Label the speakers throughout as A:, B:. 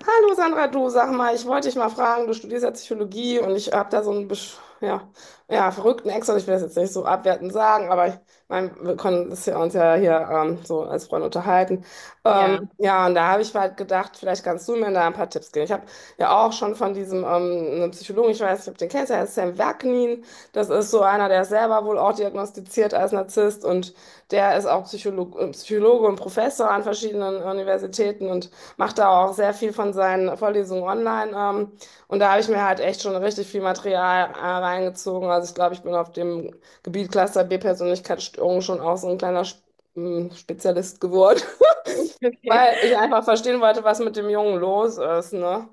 A: Hallo Sandra, du sag mal, ich wollte dich mal fragen, du studierst ja Psychologie und ich habe da so einen ja, ja, verrückten Ex, und ich will das jetzt nicht so abwertend sagen, aber ich mein, wir können das ja uns ja hier so als Freunde unterhalten. Ähm,
B: Ja,
A: ja, und da habe ich halt gedacht, vielleicht kannst du mir da ein paar Tipps geben. Ich habe ja auch schon von diesem einem Psychologen, ich weiß nicht, ob du den kennst, der heißt Sam Vaknin. Das ist so einer, der ist selber wohl auch diagnostiziert als Narzisst und der ist auch Psychologe und Professor an verschiedenen Universitäten und macht da auch sehr viel von seinen Vorlesungen online. Und da habe ich mir halt echt schon richtig viel Material reingezogen. Also ich glaube, ich bin auf dem Gebiet Cluster B Persönlichkeitsstörung schon auch so ein kleiner Spezialist geworden,
B: okay.
A: weil ich einfach verstehen wollte, was mit dem Jungen los ist, ne?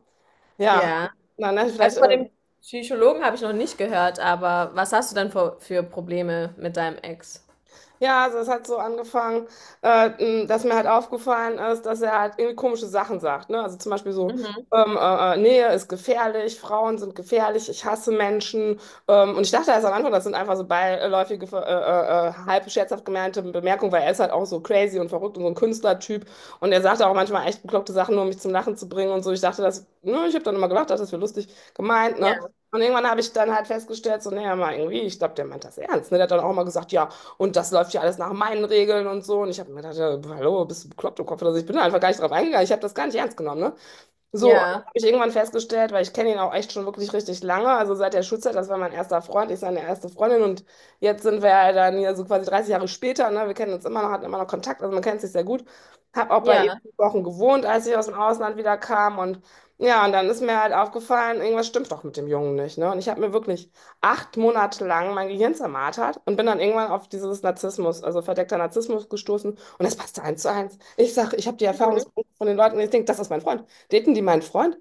A: Ja,
B: Ja,
A: na, ne,
B: also
A: vielleicht,
B: von
A: äh,
B: dem Psychologen habe ich noch nicht gehört, aber was hast du denn für Probleme mit deinem Ex?
A: Ja, also es hat so angefangen, äh, dass mir halt aufgefallen ist, dass er halt irgendwie komische Sachen sagt. Ne? Also zum Beispiel so,
B: Mhm.
A: Nähe ist gefährlich, Frauen sind gefährlich, ich hasse Menschen. Und ich dachte erst am Anfang, das sind einfach so beiläufige, halb scherzhaft gemeinte Bemerkungen, weil er ist halt auch so crazy und verrückt und so ein Künstlertyp. Und er sagt auch manchmal echt bekloppte Sachen, nur um mich zum Lachen zu bringen und so. Ich dachte, das, ne, ich habe dann immer gedacht, das wäre lustig gemeint,
B: Ja,
A: ne? Und irgendwann habe ich dann halt festgestellt, so, naja, mal irgendwie, ich glaube, der meint das ernst. Ne? Der hat dann auch mal gesagt, ja, und das läuft ja alles nach meinen Regeln und so. Und ich habe mir gedacht, ja, hallo, bist du bekloppt im Kopf oder so? Ich bin da einfach gar nicht drauf eingegangen. Ich habe das gar nicht ernst genommen, ne? So, und dann
B: ja,
A: habe ich irgendwann festgestellt, weil ich kenne ihn auch echt schon wirklich richtig lange, also seit der Schulzeit, das war mein erster Freund, ich seine erste Freundin und jetzt sind wir ja dann hier so quasi 30 Jahre später, ne? Wir kennen uns immer noch, hatten immer noch Kontakt, also man kennt sich sehr gut. Habe auch bei ihm
B: ja,
A: fünf Wochen gewohnt, als ich aus dem Ausland wieder kam und ja, und dann ist mir halt aufgefallen, irgendwas stimmt doch mit dem Jungen nicht, ne? Und ich habe mir wirklich acht Monate lang mein Gehirn zermartert und bin dann irgendwann auf dieses Narzissmus, also verdeckter Narzissmus gestoßen und das passte eins zu eins. Ich sage, ich habe die
B: mhm,
A: Erfahrungsberichte von den Leuten und ich denke, das ist mein Freund. Daten die meinen Freund?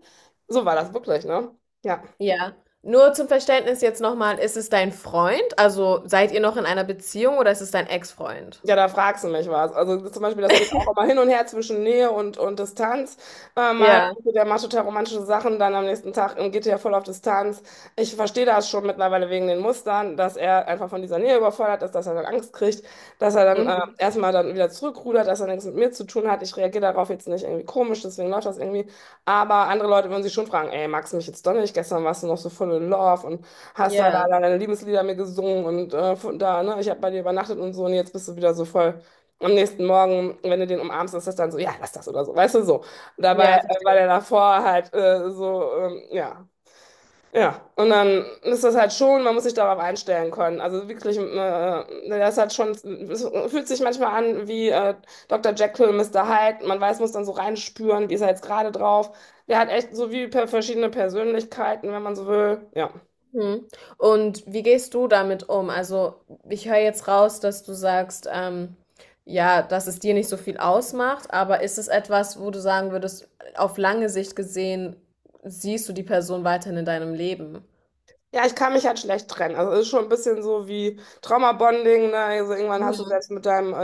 A: So war das wirklich, ne? Ja.
B: ja. Nur zum Verständnis jetzt nochmal, ist es dein Freund? Also seid ihr noch in einer Beziehung oder ist es dein Ex-Freund?
A: Ja, da fragst du mich was. Also zum Beispiel, das geht auch immer hin und her zwischen Nähe und Distanz. Äh, mal,
B: Ja,
A: der macht total romantische Sachen, dann am nächsten Tag geht er voll auf Distanz. Ich verstehe das schon mittlerweile wegen den Mustern, dass er einfach von dieser Nähe überfordert ist, dass er dann Angst kriegt, dass er dann
B: mhm.
A: erstmal dann wieder zurückrudert, dass er nichts mit mir zu tun hat. Ich reagiere darauf jetzt nicht irgendwie komisch, deswegen läuft das irgendwie. Aber andere Leute würden sich schon fragen, ey, magst du mich jetzt doch nicht? Gestern warst du noch so voll in Love und hast da,
B: Ja,
A: deine Liebeslieder mir gesungen und von da, ne, ich habe bei dir übernachtet und so und jetzt bist du wieder so voll. Am nächsten Morgen, wenn du den umarmst, ist das dann so, ja, lass das oder so, weißt du, so. Dabei
B: ja,
A: war
B: verstehe.
A: der davor halt so, ja. Ja, und dann ist das halt schon, man muss sich darauf einstellen können. Also wirklich, das hat schon, es fühlt sich manchmal an wie Dr. Jekyll, Mr. Hyde. Man weiß, muss dann so reinspüren, wie ist er jetzt gerade drauf. Der hat echt so wie per verschiedene Persönlichkeiten, wenn man so will. Ja.
B: Mhm. Und wie gehst du damit um? Also, ich höre jetzt raus, dass du sagst, ja, dass es dir nicht so viel ausmacht, aber ist es etwas, wo du sagen würdest, auf lange Sicht gesehen, siehst du die Person weiterhin in deinem Leben?
A: Ja, ich kann mich halt schlecht trennen. Also es ist schon ein bisschen so wie Trauma-Bonding, ne? Also irgendwann hast du
B: Mhm.
A: selbst mit deinem äh,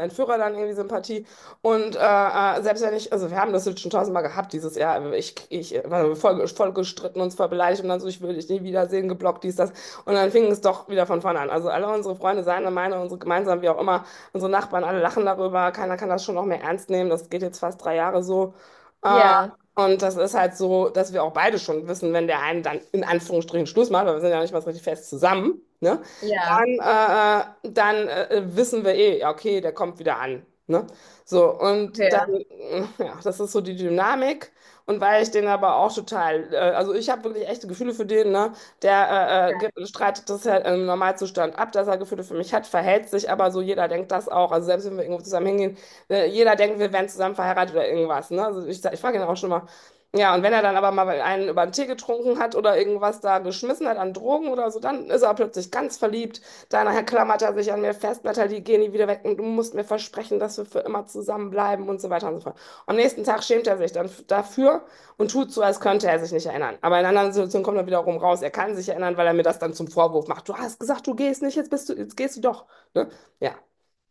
A: äh, Entführer dann irgendwie Sympathie. Und selbst wenn ich, also wir haben das jetzt schon tausendmal gehabt dieses Jahr, ich war voll, voll gestritten, uns voll beleidigt und dann so, ich will dich nie wiedersehen, geblockt, dies, das. Und dann fing es doch wieder von vorne an. Also alle unsere Freunde, seine, meine, unsere gemeinsam, wie auch immer, unsere Nachbarn, alle lachen darüber, keiner kann das schon noch mehr ernst nehmen. Das geht jetzt fast drei Jahre so. Äh,
B: Ja,
A: und das ist halt so, dass wir auch beide schon wissen, wenn der eine dann in Anführungsstrichen Schluss macht, weil wir sind ja nicht mal so richtig fest zusammen, ne?
B: ja,
A: Dann, dann wissen wir eh, ja, okay, der kommt wieder an. Ne? So, und dann,
B: okay.
A: ja, das ist so die Dynamik. Und weil ich den aber auch total, also ich habe wirklich echte Gefühle für den, ne? Der streitet das ja im Normalzustand ab, dass er Gefühle für mich hat, verhält sich aber so, jeder denkt das auch. Also selbst wenn wir irgendwo zusammen hingehen, jeder denkt, wir wären zusammen verheiratet oder irgendwas. Ne? Also ich, ich frage ihn auch schon mal, ja, und wenn er dann aber mal einen über den Tee getrunken hat oder irgendwas da geschmissen hat an Drogen oder so, dann ist er plötzlich ganz verliebt. Danach klammert er sich an mir fest, Natalie, geh nie wieder weg und du musst mir versprechen, dass wir für immer zusammenbleiben und so weiter und so fort. Am nächsten Tag schämt er sich dann dafür und tut so, als könnte er sich nicht erinnern. Aber in anderen Situationen kommt er wiederum raus. Er kann sich erinnern, weil er mir das dann zum Vorwurf macht. Du hast gesagt, du gehst nicht, jetzt bist du, jetzt gehst du doch. Ne? Ja.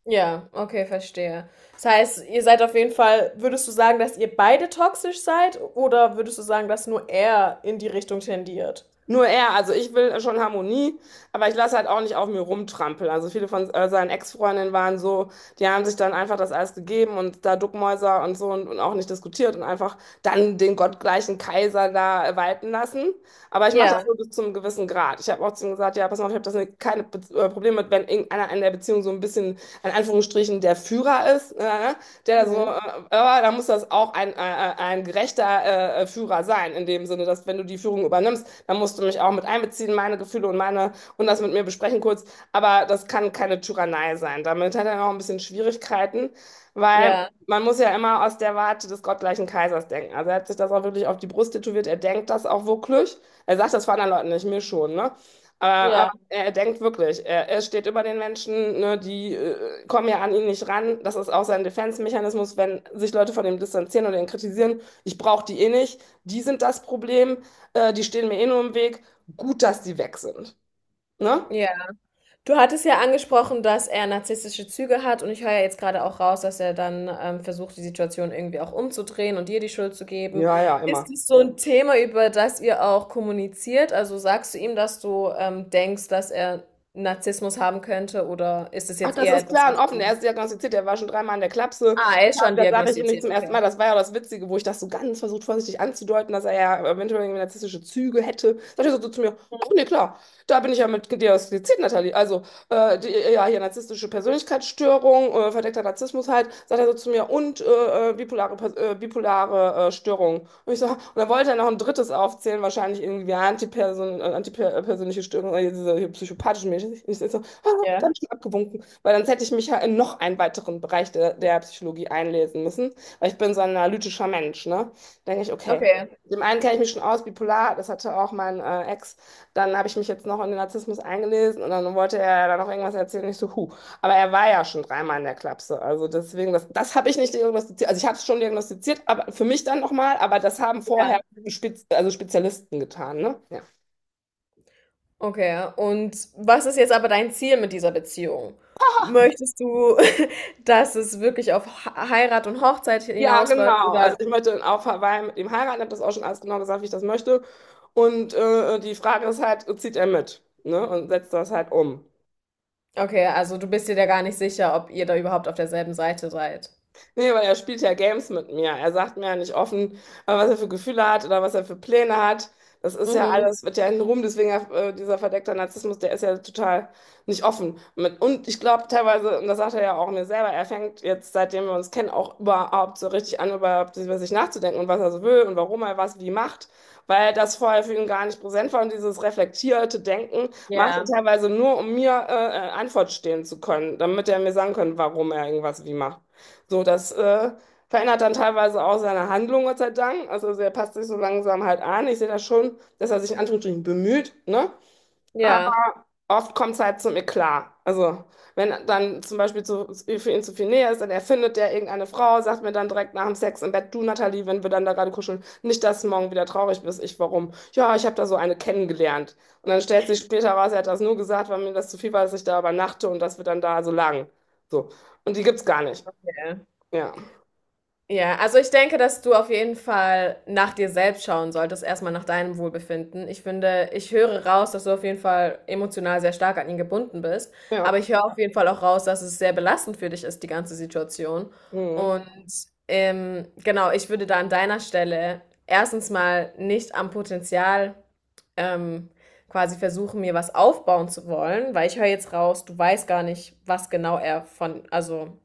B: Ja, okay, verstehe. Das heißt, ihr seid auf jeden Fall, würdest du sagen, dass ihr beide toxisch seid oder würdest du sagen, dass nur er in die Richtung tendiert?
A: Nur er, also ich will schon Harmonie, aber ich lasse halt auch nicht auf mir rumtrampeln. Also viele von seinen Ex-Freundinnen waren so, die haben sich dann einfach das alles gegeben und da Duckmäuser und so und auch nicht diskutiert und einfach dann den gottgleichen Kaiser da walten lassen. Aber ich mache das
B: Ja,
A: nur bis zu einem gewissen Grad. Ich habe auch zu ihm gesagt, ja, pass mal auf, ich habe das ne- keine Be Probleme mit, wenn irgendeiner in der Beziehung so ein bisschen, in Anführungsstrichen, der Führer ist, der da so,
B: mhm.
A: aber da muss das auch ein gerechter Führer sein, in dem Sinne, dass wenn du die Führung übernimmst, dann musst du mich auch mit einbeziehen, meine Gefühle und meine, und das mit mir besprechen kurz. Aber das kann keine Tyrannei sein. Damit hat er auch ein bisschen Schwierigkeiten, weil
B: Ja,
A: man muss ja immer aus der Warte des gottgleichen Kaisers denken. Also er hat sich das auch wirklich auf die Brust tätowiert, er denkt das auch wirklich. Er sagt das vor anderen Leuten nicht, mir schon, ne? Aber
B: ja,
A: er denkt wirklich, er steht über den Menschen, ne, die kommen ja an ihn nicht ran. Das ist auch sein Defense-Mechanismus, wenn sich Leute von ihm distanzieren oder ihn kritisieren. Ich brauche die eh nicht, die sind das Problem, die stehen mir eh nur im Weg. Gut, dass die weg sind. Ne?
B: ja. Du hattest ja angesprochen, dass er narzisstische Züge hat und ich höre ja jetzt gerade auch raus, dass er dann, versucht, die Situation irgendwie auch umzudrehen und dir die Schuld zu geben.
A: Ja, ja, immer.
B: Ist es so ein Thema, über das ihr auch kommuniziert? Also, sagst du ihm, dass du, denkst, dass er Narzissmus haben könnte oder ist es
A: Ach,
B: jetzt
A: das
B: eher
A: ist
B: etwas,
A: klar und
B: was
A: offen. Der
B: du...
A: ist diagnostiziert, der war schon dreimal in der Klapse.
B: Ah, er ist
A: Deshalb,
B: schon
A: das sage ich ihm nicht
B: diagnostiziert,
A: zum ersten Mal.
B: okay.
A: Das war ja auch das Witzige, wo ich das so ganz versucht, vorsichtig anzudeuten, dass er ja eventuell irgendwie narzisstische Züge hätte. Sagt er so zu mir: Ach
B: Mhm.
A: nee, klar, da bin ich ja mit diagnostiziert, Nathalie. Also, die, ja, hier narzisstische Persönlichkeitsstörung, verdeckter Narzissmus halt. Sagt er so zu mir: Und bipolare Störung. Und ich so, und dann wollte er noch ein drittes aufzählen, wahrscheinlich irgendwie antipersönliche Störung, diese hier psychopathischen Menschen. Ich so, ah, da habe
B: Ja,
A: ich schon abgewunken, weil sonst hätte ich mich ja in noch einen weiteren Bereich der Psychologie einlesen müssen, weil ich bin so ein analytischer Mensch, ne? Denke ich, okay.
B: okay,
A: Dem einen kenne ich mich schon aus, bipolar, das hatte auch mein Ex. Dann habe ich mich jetzt noch in den Narzissmus eingelesen und dann wollte er da noch irgendwas erzählen. Ich so, huh. Aber er war ja schon dreimal in der Klapse. Also deswegen, das habe ich nicht diagnostiziert. Also ich habe es schon diagnostiziert, aber für mich dann nochmal, aber das haben vorher
B: ja.
A: Spez, also Spezialisten getan, ne? Ja.
B: Okay, und was ist jetzt aber dein Ziel mit dieser Beziehung? Möchtest du, dass es wirklich auf Heirat und Hochzeit
A: Ja,
B: hinausläuft
A: genau. Also
B: oder...
A: ich möchte auf Hawaii mit ihm heiraten, habe das auch schon alles genau gesagt, wie ich das möchte. Und die Frage ist halt, zieht er mit, ne? Und setzt das halt um.
B: Okay, also du bist dir da gar nicht sicher, ob ihr da überhaupt auf derselben Seite seid.
A: Nee, weil er spielt ja Games mit mir. Er sagt mir ja nicht offen, was er für Gefühle hat oder was er für Pläne hat. Das ist ja
B: Mhm.
A: alles, wird ja in rum. Deswegen dieser verdeckte Narzissmus, der ist ja total nicht offen. Mit, und ich glaube teilweise, und das sagt er ja auch mir selber, er fängt jetzt, seitdem wir uns kennen, auch überhaupt so richtig an, überhaupt über sich nachzudenken und was er so will und warum er was wie macht, weil das vorher für ihn gar nicht präsent war, und dieses reflektierte Denken macht er
B: Ja,
A: teilweise nur, um mir Antwort stehen zu können, damit er mir sagen kann, warum er irgendwas wie macht. So, das verändert dann teilweise auch seine Handlung, Gott sei Dank. Also er passt sich so langsam halt an. Ich sehe das schon, dass er sich in Anführungsstrichen bemüht, ne?
B: ja.
A: Aber oft kommt es halt zum Eklat. Also wenn dann zum Beispiel zu, für ihn zu viel Nähe ist, dann erfindet der irgendeine Frau, sagt mir dann direkt nach dem Sex im Bett: Du Nathalie, wenn wir dann da gerade kuscheln, nicht, dass du morgen wieder traurig bist. Ich, warum? Ja, ich habe da so eine kennengelernt. Und dann stellt sich später raus, er hat das nur gesagt, weil mir das zu viel war, dass ich da übernachte und dass wir dann da so lagen. So. Und die gibt's gar nicht. Ja.
B: Ja, also ich denke, dass du auf jeden Fall nach dir selbst schauen solltest, erstmal nach deinem Wohlbefinden. Ich finde, ich höre raus, dass du auf jeden Fall emotional sehr stark an ihn gebunden bist,
A: Ja.
B: aber ich höre auf jeden Fall auch raus, dass es sehr belastend für dich ist, die ganze Situation.
A: Mhm.
B: Und genau, ich würde da an deiner Stelle erstens mal nicht am Potenzial ähm, quasi versuchen, mir was aufbauen zu wollen, weil ich höre jetzt raus, du weißt gar nicht, was genau er von, also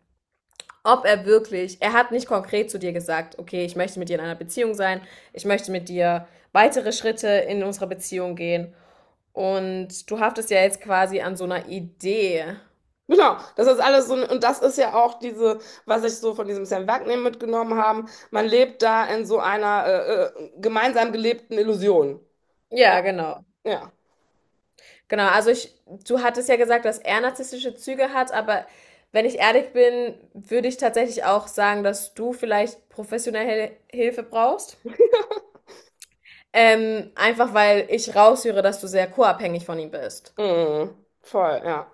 B: ob er wirklich, er hat nicht konkret zu dir gesagt, okay, ich möchte mit dir in einer Beziehung sein, ich möchte mit dir weitere Schritte in unserer Beziehung gehen. Und du haftest ja jetzt quasi an so einer Idee.
A: Genau, das ist alles so, und das ist ja auch diese, was ich so von diesem Sam Wagner mitgenommen habe. Man lebt da in so einer gemeinsam gelebten Illusion. Ja,
B: Ja, genau.
A: ja.
B: Genau, also ich, du hattest ja gesagt, dass er narzisstische Züge hat, aber wenn ich ehrlich bin, würde ich tatsächlich auch sagen, dass du vielleicht professionelle Hilfe brauchst. Einfach weil ich raushöre, dass du sehr co-abhängig von ihm bist.
A: Mhm. Voll, ja.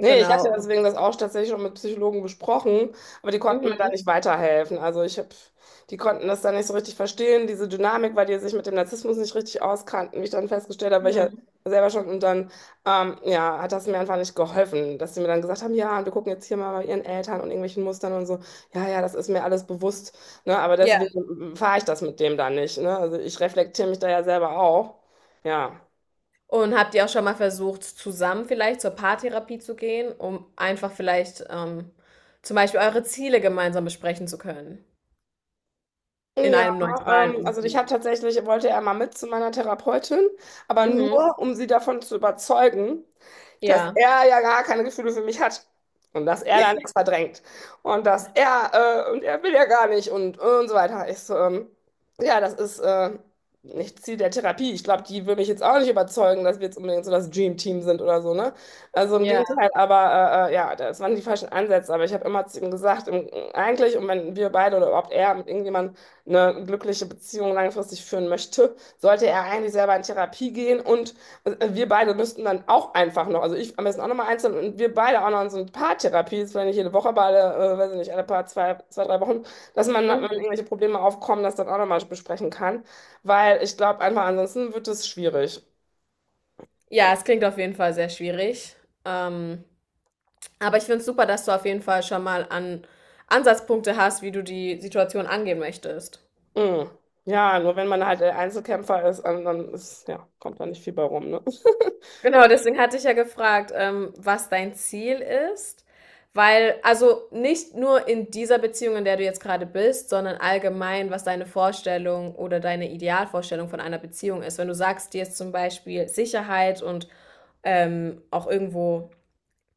A: Nee, ich hatte
B: Genau.
A: deswegen das auch tatsächlich schon mit Psychologen besprochen, aber die konnten mir da
B: Mhm,
A: nicht weiterhelfen. Also ich hab, die konnten das da nicht so richtig verstehen, diese Dynamik, weil die sich mit dem Narzissmus nicht richtig auskannten, wie ich dann festgestellt habe, weil ich ja
B: mhm.
A: selber schon und dann, ja, hat das mir einfach nicht geholfen, dass sie mir dann gesagt haben, ja, und wir gucken jetzt hier mal bei ihren Eltern und irgendwelchen Mustern und so, ja, ja, das ist mir alles bewusst, ne, aber
B: Ja.
A: deswegen fahre ich das mit dem da nicht, ne, also ich reflektiere mich da ja selber auch, ja.
B: Und habt ihr auch schon mal versucht, zusammen vielleicht zur Paartherapie zu gehen, um einfach vielleicht, zum Beispiel eure Ziele gemeinsam besprechen zu können in
A: Ja,
B: einem neutralen
A: also ich habe
B: Umfeld?
A: tatsächlich, wollte er mal mit zu meiner Therapeutin, aber
B: Mhm.
A: nur, um sie davon zu überzeugen, dass
B: Ja,
A: er ja gar keine Gefühle für mich hat und dass er da nichts verdrängt und dass er, und er will ja gar nicht, und, und so weiter. Ich so, ja, das ist nicht Ziel der Therapie. Ich glaube, die will mich jetzt auch nicht überzeugen, dass wir jetzt unbedingt so das Dream Team sind oder so, ne? Also im
B: ja,
A: Gegenteil, aber ja, das waren die falschen Ansätze. Aber ich habe immer zu ihm gesagt, im, eigentlich, und wenn wir beide oder überhaupt er mit irgendjemandem eine glückliche Beziehung langfristig führen möchte, sollte er eigentlich selber in Therapie gehen, und wir beide müssten dann auch einfach noch, also ich am besten auch nochmal einzeln und wir beide auch noch in so eine Paartherapie, ist vielleicht nicht jede Woche, aber alle, weiß ich nicht, alle paar, zwei, drei Wochen, dass man, wenn
B: mhm.
A: irgendwelche Probleme aufkommen, das dann auch nochmal besprechen kann, weil ich glaube einfach, ansonsten wird es schwierig.
B: Ja, es klingt auf jeden Fall sehr schwierig. Ähm, aber ich finde es super, dass du auf jeden Fall schon mal an Ansatzpunkte hast, wie du die Situation angehen möchtest.
A: Mm. Ja, nur wenn man halt der Einzelkämpfer ist, dann dann ist, ja, kommt da nicht viel bei rum, ne?
B: Genau, deswegen hatte ich ja gefragt, was dein Ziel ist, weil also nicht nur in dieser Beziehung, in der du jetzt gerade bist, sondern allgemein, was deine Vorstellung oder deine Idealvorstellung von einer Beziehung ist. Wenn du sagst, dir ist zum Beispiel Sicherheit und auch irgendwo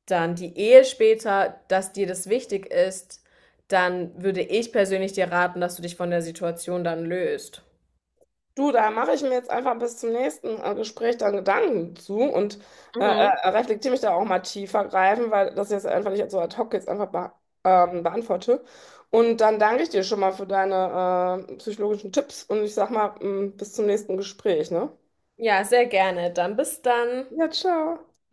B: dann die Ehe später, dass dir das wichtig ist, dann würde ich persönlich dir raten, dass du dich von der Situation dann löst.
A: Du, da mache ich mir jetzt einfach bis zum nächsten Gespräch dann Gedanken zu und
B: Mhm.
A: reflektiere mich da auch mal tiefer greifen, weil das jetzt einfach nicht so ad hoc jetzt einfach be beantworte. Und dann danke ich dir schon mal für deine psychologischen Tipps und ich sag mal, mm, bis zum nächsten Gespräch, ne?
B: Ja, sehr gerne. Dann bis dann.
A: Ja, ciao.